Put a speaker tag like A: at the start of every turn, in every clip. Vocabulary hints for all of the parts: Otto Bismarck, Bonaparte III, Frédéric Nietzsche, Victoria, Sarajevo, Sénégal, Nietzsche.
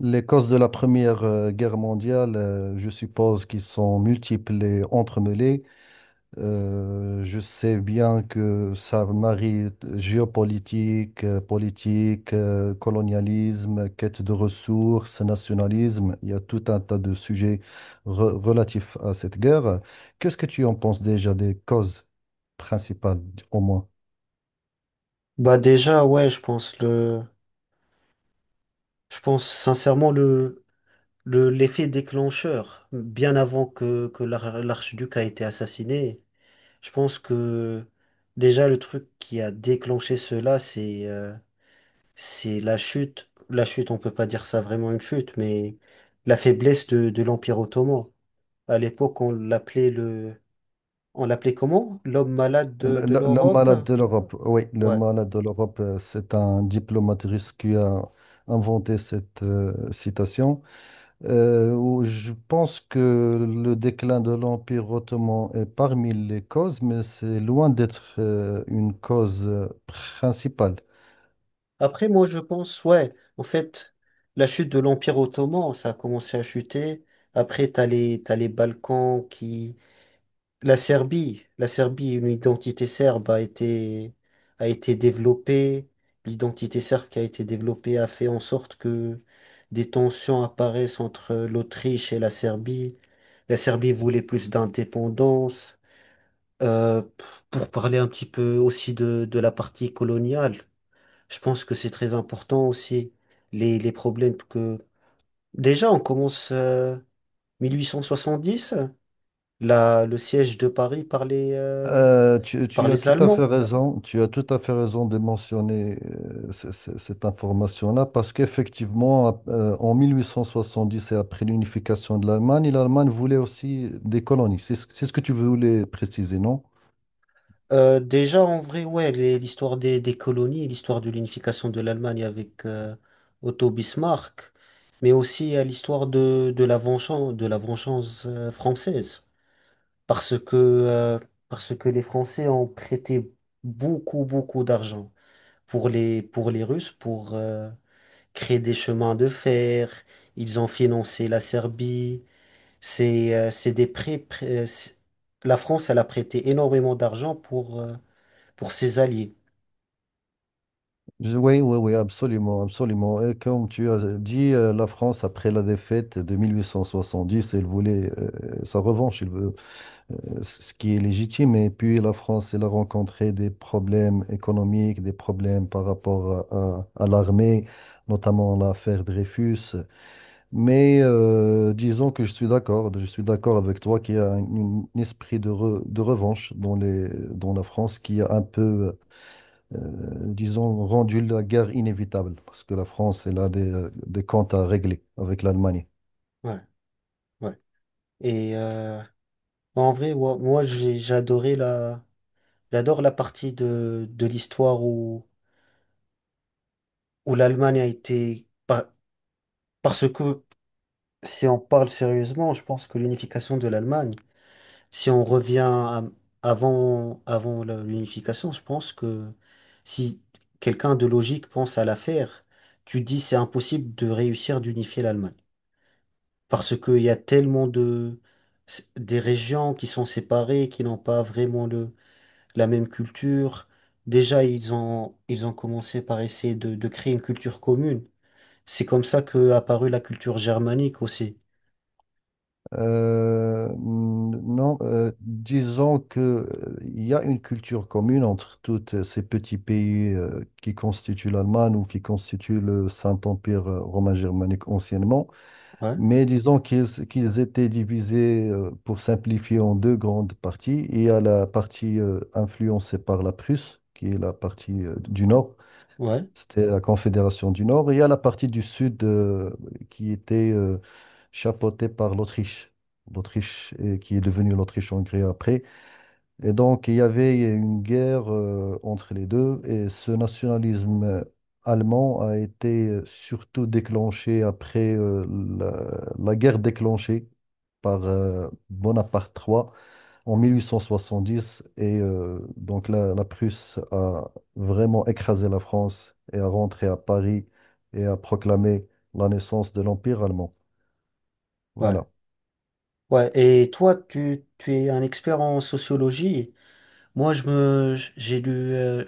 A: Les causes de la Première Guerre mondiale, je suppose qu'ils sont multiples et entremêlées. Je sais bien que ça marie géopolitique, politique, colonialisme, quête de ressources, nationalisme. Il y a tout un tas de sujets relatifs à cette guerre. Qu'est-ce que tu en penses déjà des causes principales, au moins?
B: Bah déjà, ouais, je pense je pense sincèrement l'effet déclencheur, bien avant que l'archiduc a été assassiné, je pense que déjà le truc qui a déclenché cela, c'est la chute. La chute, on peut pas dire ça vraiment une chute, mais la faiblesse de l'Empire ottoman. À l'époque, on l'appelait on l'appelait comment? L'homme malade de
A: Le
B: l'Europe?
A: malade de l'Europe, oui, le
B: Ouais.
A: malade de l'Europe, c'est un diplomate russe qui a inventé cette citation. Où je pense que le déclin de l'Empire ottoman est parmi les causes, mais c'est loin d'être une cause principale.
B: Après, moi, je pense, ouais, en fait, la chute de l'Empire ottoman, ça a commencé à chuter. Après, t'as les Balkans qui... la Serbie, une identité serbe a été développée. L'identité serbe qui a été développée a fait en sorte que des tensions apparaissent entre l'Autriche et la Serbie. La Serbie voulait plus d'indépendance. Euh, p- pour parler un petit peu aussi de la partie coloniale. Je pense que c'est très important aussi, les problèmes que... Déjà, on commence 1870, le siège de Paris par par
A: Tu as
B: les
A: tout à fait
B: Allemands.
A: raison, tu as tout à fait raison de mentionner cette information-là parce qu'effectivement, en 1870 et après l'unification de l'Allemagne, l'Allemagne voulait aussi des colonies. C'est ce que tu voulais préciser, non?
B: Déjà, en vrai, ouais, l'histoire des colonies, l'histoire de l'unification de l'Allemagne avec Otto Bismarck, mais aussi à l'histoire de la vengeance, de la vengeance française. Parce que, euh, parce que les Français ont prêté beaucoup, beaucoup d'argent pour pour les Russes pour créer des chemins de fer. Ils ont financé la Serbie. C'est des prêts. La France, elle a prêté énormément d'argent pour ses alliés.
A: Oui, oui, oui, absolument, absolument. Et comme tu as dit, la France, après la défaite de 1870, elle voulait sa revanche. Ce qui est légitime. Et puis la France, elle a rencontré des problèmes économiques, des problèmes par rapport à l'armée, notamment l'affaire Dreyfus. Mais disons que je suis d'accord avec toi qu'il y a un esprit de revanche dans dans la France qui a un peu, euh, disons, rendu la guerre inévitable, parce que la France, elle a des comptes à régler avec l'Allemagne.
B: Ouais, ouais. Et en vrai, ouais, moi, j'ai adoré j'adore la partie de l'histoire où, où l'Allemagne a été. Parce que si on parle sérieusement, je pense que l'unification de l'Allemagne. Si on revient à- Avant, avant l'unification, je pense que si quelqu'un de logique pense à l'affaire, tu dis c'est impossible de réussir d'unifier l'Allemagne. Parce qu'il y a tellement de, des régions qui sont séparées, qui n'ont pas vraiment la même culture. Déjà, ils ont commencé par essayer de créer une culture commune. C'est comme ça qu'est apparue la culture germanique aussi.
A: Euh, non, Disons que il y a une culture commune entre tous ces petits pays qui constituent l'Allemagne ou qui constituent le Saint-Empire romain germanique anciennement,
B: Ouais,
A: mais disons qu'ils étaient divisés, pour simplifier, en deux grandes parties. Il y a la partie influencée par la Prusse, qui est la partie du
B: ouais,
A: nord,
B: ouais.
A: c'était la Confédération du Nord. Et il y a la partie du Sud qui était chapeautée par l'Autriche. L'Autriche qui est devenue l'Autriche-Hongrie après. Et donc, il y avait une guerre entre les deux. Et ce nationalisme allemand a été surtout déclenché après la, la guerre déclenchée par Bonaparte III en 1870. Donc la Prusse a vraiment écrasé la France et a rentré à Paris et a proclamé la naissance de l'Empire allemand.
B: Ouais.
A: Voilà.
B: Ouais, et toi, tu es un expert en sociologie. Moi, j'ai lu,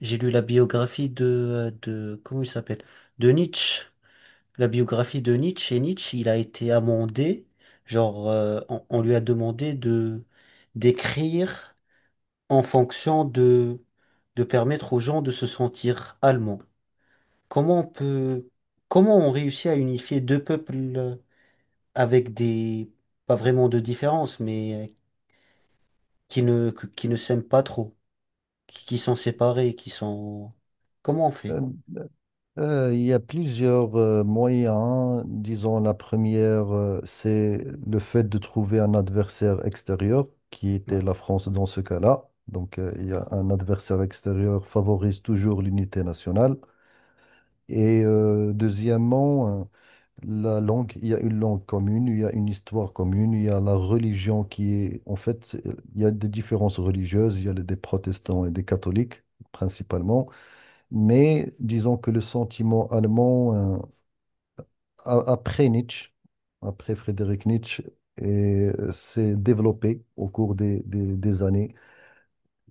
B: j'ai lu la biographie de, comment il s'appelle? De Nietzsche. La biographie de Nietzsche. Et Nietzsche, il a été amendé. On lui a demandé de, d'écrire en fonction de permettre aux gens de se sentir allemands. Comment on peut, comment on réussit à unifier deux peuples avec des, pas vraiment de différence, mais qui ne s'aiment pas trop, qui sont séparés, qui sont... Comment on fait?
A: Euh, il y a plusieurs moyens, hein. Disons, la première, c'est le fait de trouver un adversaire extérieur, qui était
B: Ouais,
A: la France dans ce cas-là. Donc, il y a un adversaire extérieur favorise toujours l'unité nationale. Et deuxièmement, la langue, il y a une langue commune, il y a une histoire commune, il y a la religion qui est, en fait, il y a des différences religieuses, il y a des protestants et des catholiques principalement, mais disons que le sentiment allemand, après Nietzsche, après Frédéric Nietzsche, et, s'est développé au cours des années.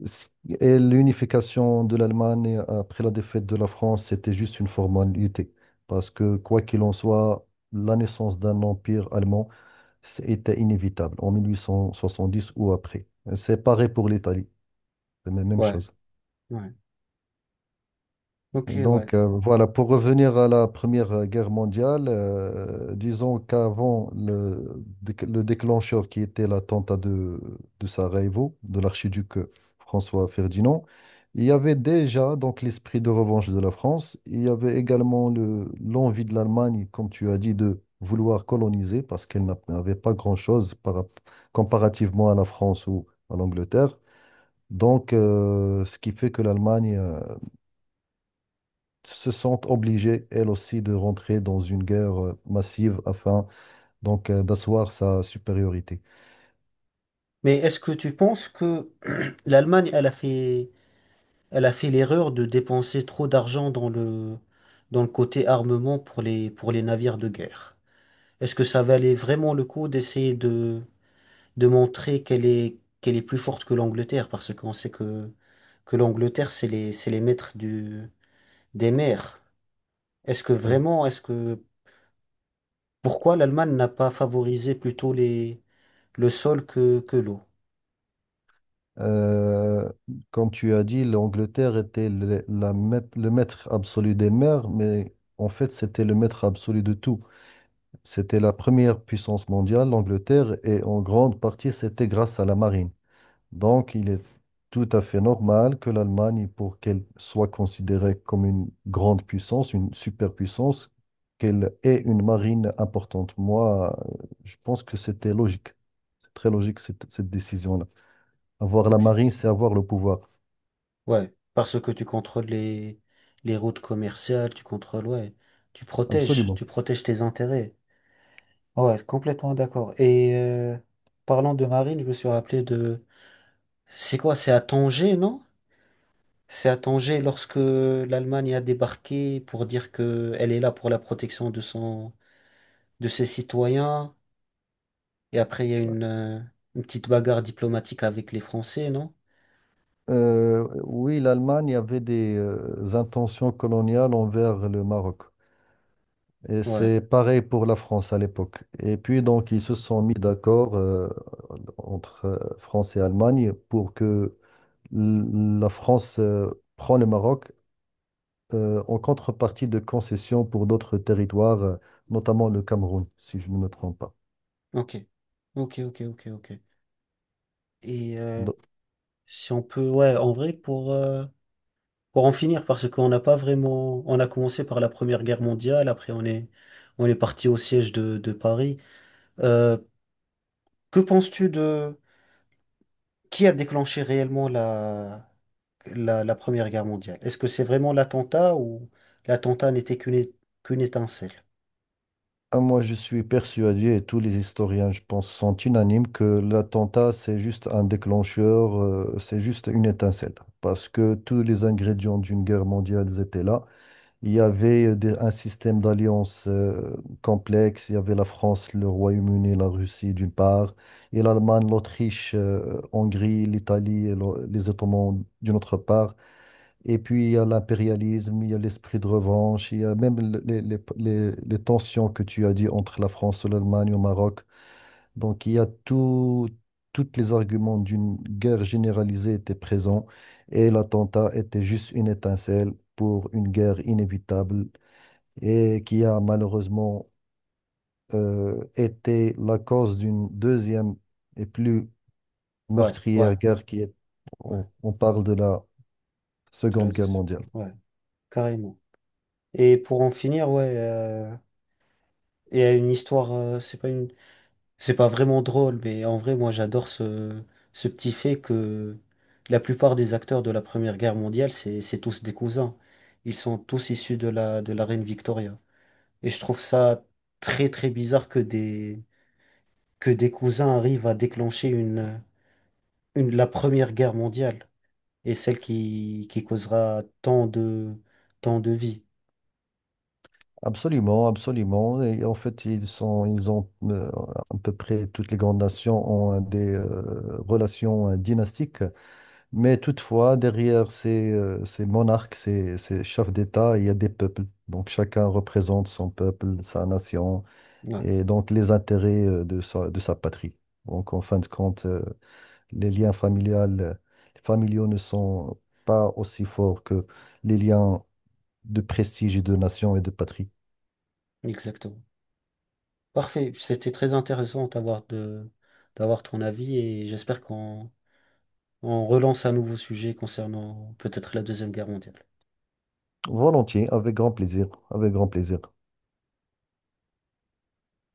A: c- Et l'unification de l'Allemagne après la défaite de la France, c'était juste une formalité. Parce que, quoi qu'il en soit, la naissance d'un empire allemand, c'était inévitable en 1870 ou après. C'est pareil pour l'Italie, c'est la même
B: ouais,
A: chose.
B: ouais. Ok, ouais.
A: Donc voilà, pour revenir à la Première Guerre mondiale, disons qu'avant le déclencheur qui était l'attentat de Sarajevo, de l'archiduc François Ferdinand, il y avait déjà donc l'esprit de revanche de la France, il y avait également l'envie de l'Allemagne, comme tu as dit, de vouloir coloniser parce qu'elle n'a- n'avait pas grand-chose comparativement à la France ou à l'Angleterre. Donc, ce qui fait que l'Allemagne se sentent obligées, elles aussi, de rentrer dans une guerre massive afin donc d'asseoir sa supériorité.
B: Mais est-ce que tu penses que l'Allemagne, elle a fait l'erreur de dépenser trop d'argent dans dans le côté armement pour pour les navires de guerre? Est-ce que ça valait vraiment le coup d'essayer de montrer qu'elle qu'elle est plus forte que l'Angleterre? Parce qu'on sait que l'Angleterre, c'est les maîtres du, des mers. Est-ce que
A: Euh,
B: vraiment, est-ce que Pourquoi l'Allemagne n'a pas favorisé plutôt les, le sol que l'eau?
A: euh, Comme tu as dit, l'Angleterre était le maître absolu des mers, mais en fait, c'était le maître absolu de tout. C'était la première puissance mondiale, l'Angleterre, et en grande partie, c'était grâce à la marine. Donc, il est tout à fait normal que l'Allemagne, pour qu'elle soit considérée comme une grande puissance, une superpuissance, qu'elle ait une marine importante. Moi, je pense que c'était logique. C'est très logique, cette décision-là. Avoir la
B: Ok.
A: marine, c'est avoir le pouvoir.
B: Ouais, parce que tu contrôles les routes commerciales, tu contrôles, ouais,
A: Absolument.
B: tu protèges tes intérêts. Ouais, complètement d'accord. Parlant de marine, je me suis rappelé de... C'est quoi? C'est à Tanger, non? C'est à Tanger lorsque l'Allemagne a débarqué pour dire que elle est là pour la protection de son, de ses citoyens. Et après, il y a une petite bagarre diplomatique avec les Français, non?
A: Oui, l'Allemagne avait des intentions coloniales envers le Maroc. Et
B: Ouais,
A: c'est pareil pour la France à l'époque. Et puis, donc, ils se sont mis d'accord, entre France et Allemagne pour que la France prend le Maroc en contrepartie de concessions pour d'autres territoires, notamment le Cameroun, si je ne me trompe pas.
B: ok. Ok, ok, ok, ok. Et
A: Donc,
B: si on peut, ouais, en vrai, pour en finir, parce qu'on n'a pas vraiment. On a commencé par la Première Guerre mondiale, après on est parti au siège de Paris. Euh, que penses-tu de. Qui a déclenché réellement la Première Guerre mondiale? Est-ce que c'est vraiment l'attentat ou l'attentat qu'une étincelle?
A: ah, moi, je suis persuadé, et tous les historiens, je pense, sont unanimes, que l'attentat, c'est juste un déclencheur, c'est juste une étincelle, parce que tous les ingrédients d'une guerre mondiale étaient là. Il y avait un système d'alliance complexe. Il y avait la France, le Royaume-Uni, la Russie d'une part, et l'Allemagne, l'Autriche, Hongrie, l'Italie et les Ottomans d'une autre part. Et puis il y a l'impérialisme, il y a l'esprit de revanche, il y a même les tensions que tu as dit entre la France, l'Allemagne, le Maroc. Donc il y a tous les arguments d'une guerre généralisée étaient présents et l'attentat était juste une étincelle pour une guerre inévitable et qui a malheureusement été la cause d'une deuxième et plus
B: Ouais, ouais,
A: meurtrière guerre qui est,
B: ouais.
A: on parle de la
B: De la
A: Seconde Guerre
B: deuxi-
A: mondiale.
B: Ouais, carrément. Et pour en finir, ouais. Et à une histoire, c'est pas une C'est pas vraiment drôle, mais en vrai, moi, j'adore ce, ce petit fait que la plupart des acteurs de la Première Guerre mondiale, c'est tous des cousins. Ils sont tous issus de la reine Victoria. Et je trouve ça très, très bizarre que des cousins arrivent à déclencher la Première Guerre mondiale et celle qui causera tant de vies.
A: Absolument, absolument. Et en fait, ils ont à peu près toutes les grandes nations ont des relations dynastiques. Mais toutefois, derrière ces monarques, ces chefs d'État, il y a des peuples. Donc chacun représente son peuple, sa nation,
B: Ouais,
A: et donc les intérêts de sa patrie. Donc en fin de compte, les liens familiales, familiaux ne sont pas aussi forts que les liens de prestige et de nation et de patrie.
B: exactement. Parfait. C'était très intéressant d'avoir de, d'avoir ton avis et j'espère qu'on On relance un nouveau sujet concernant peut-être la Deuxième Guerre mondiale.
A: Volontiers, avec grand plaisir, avec grand plaisir.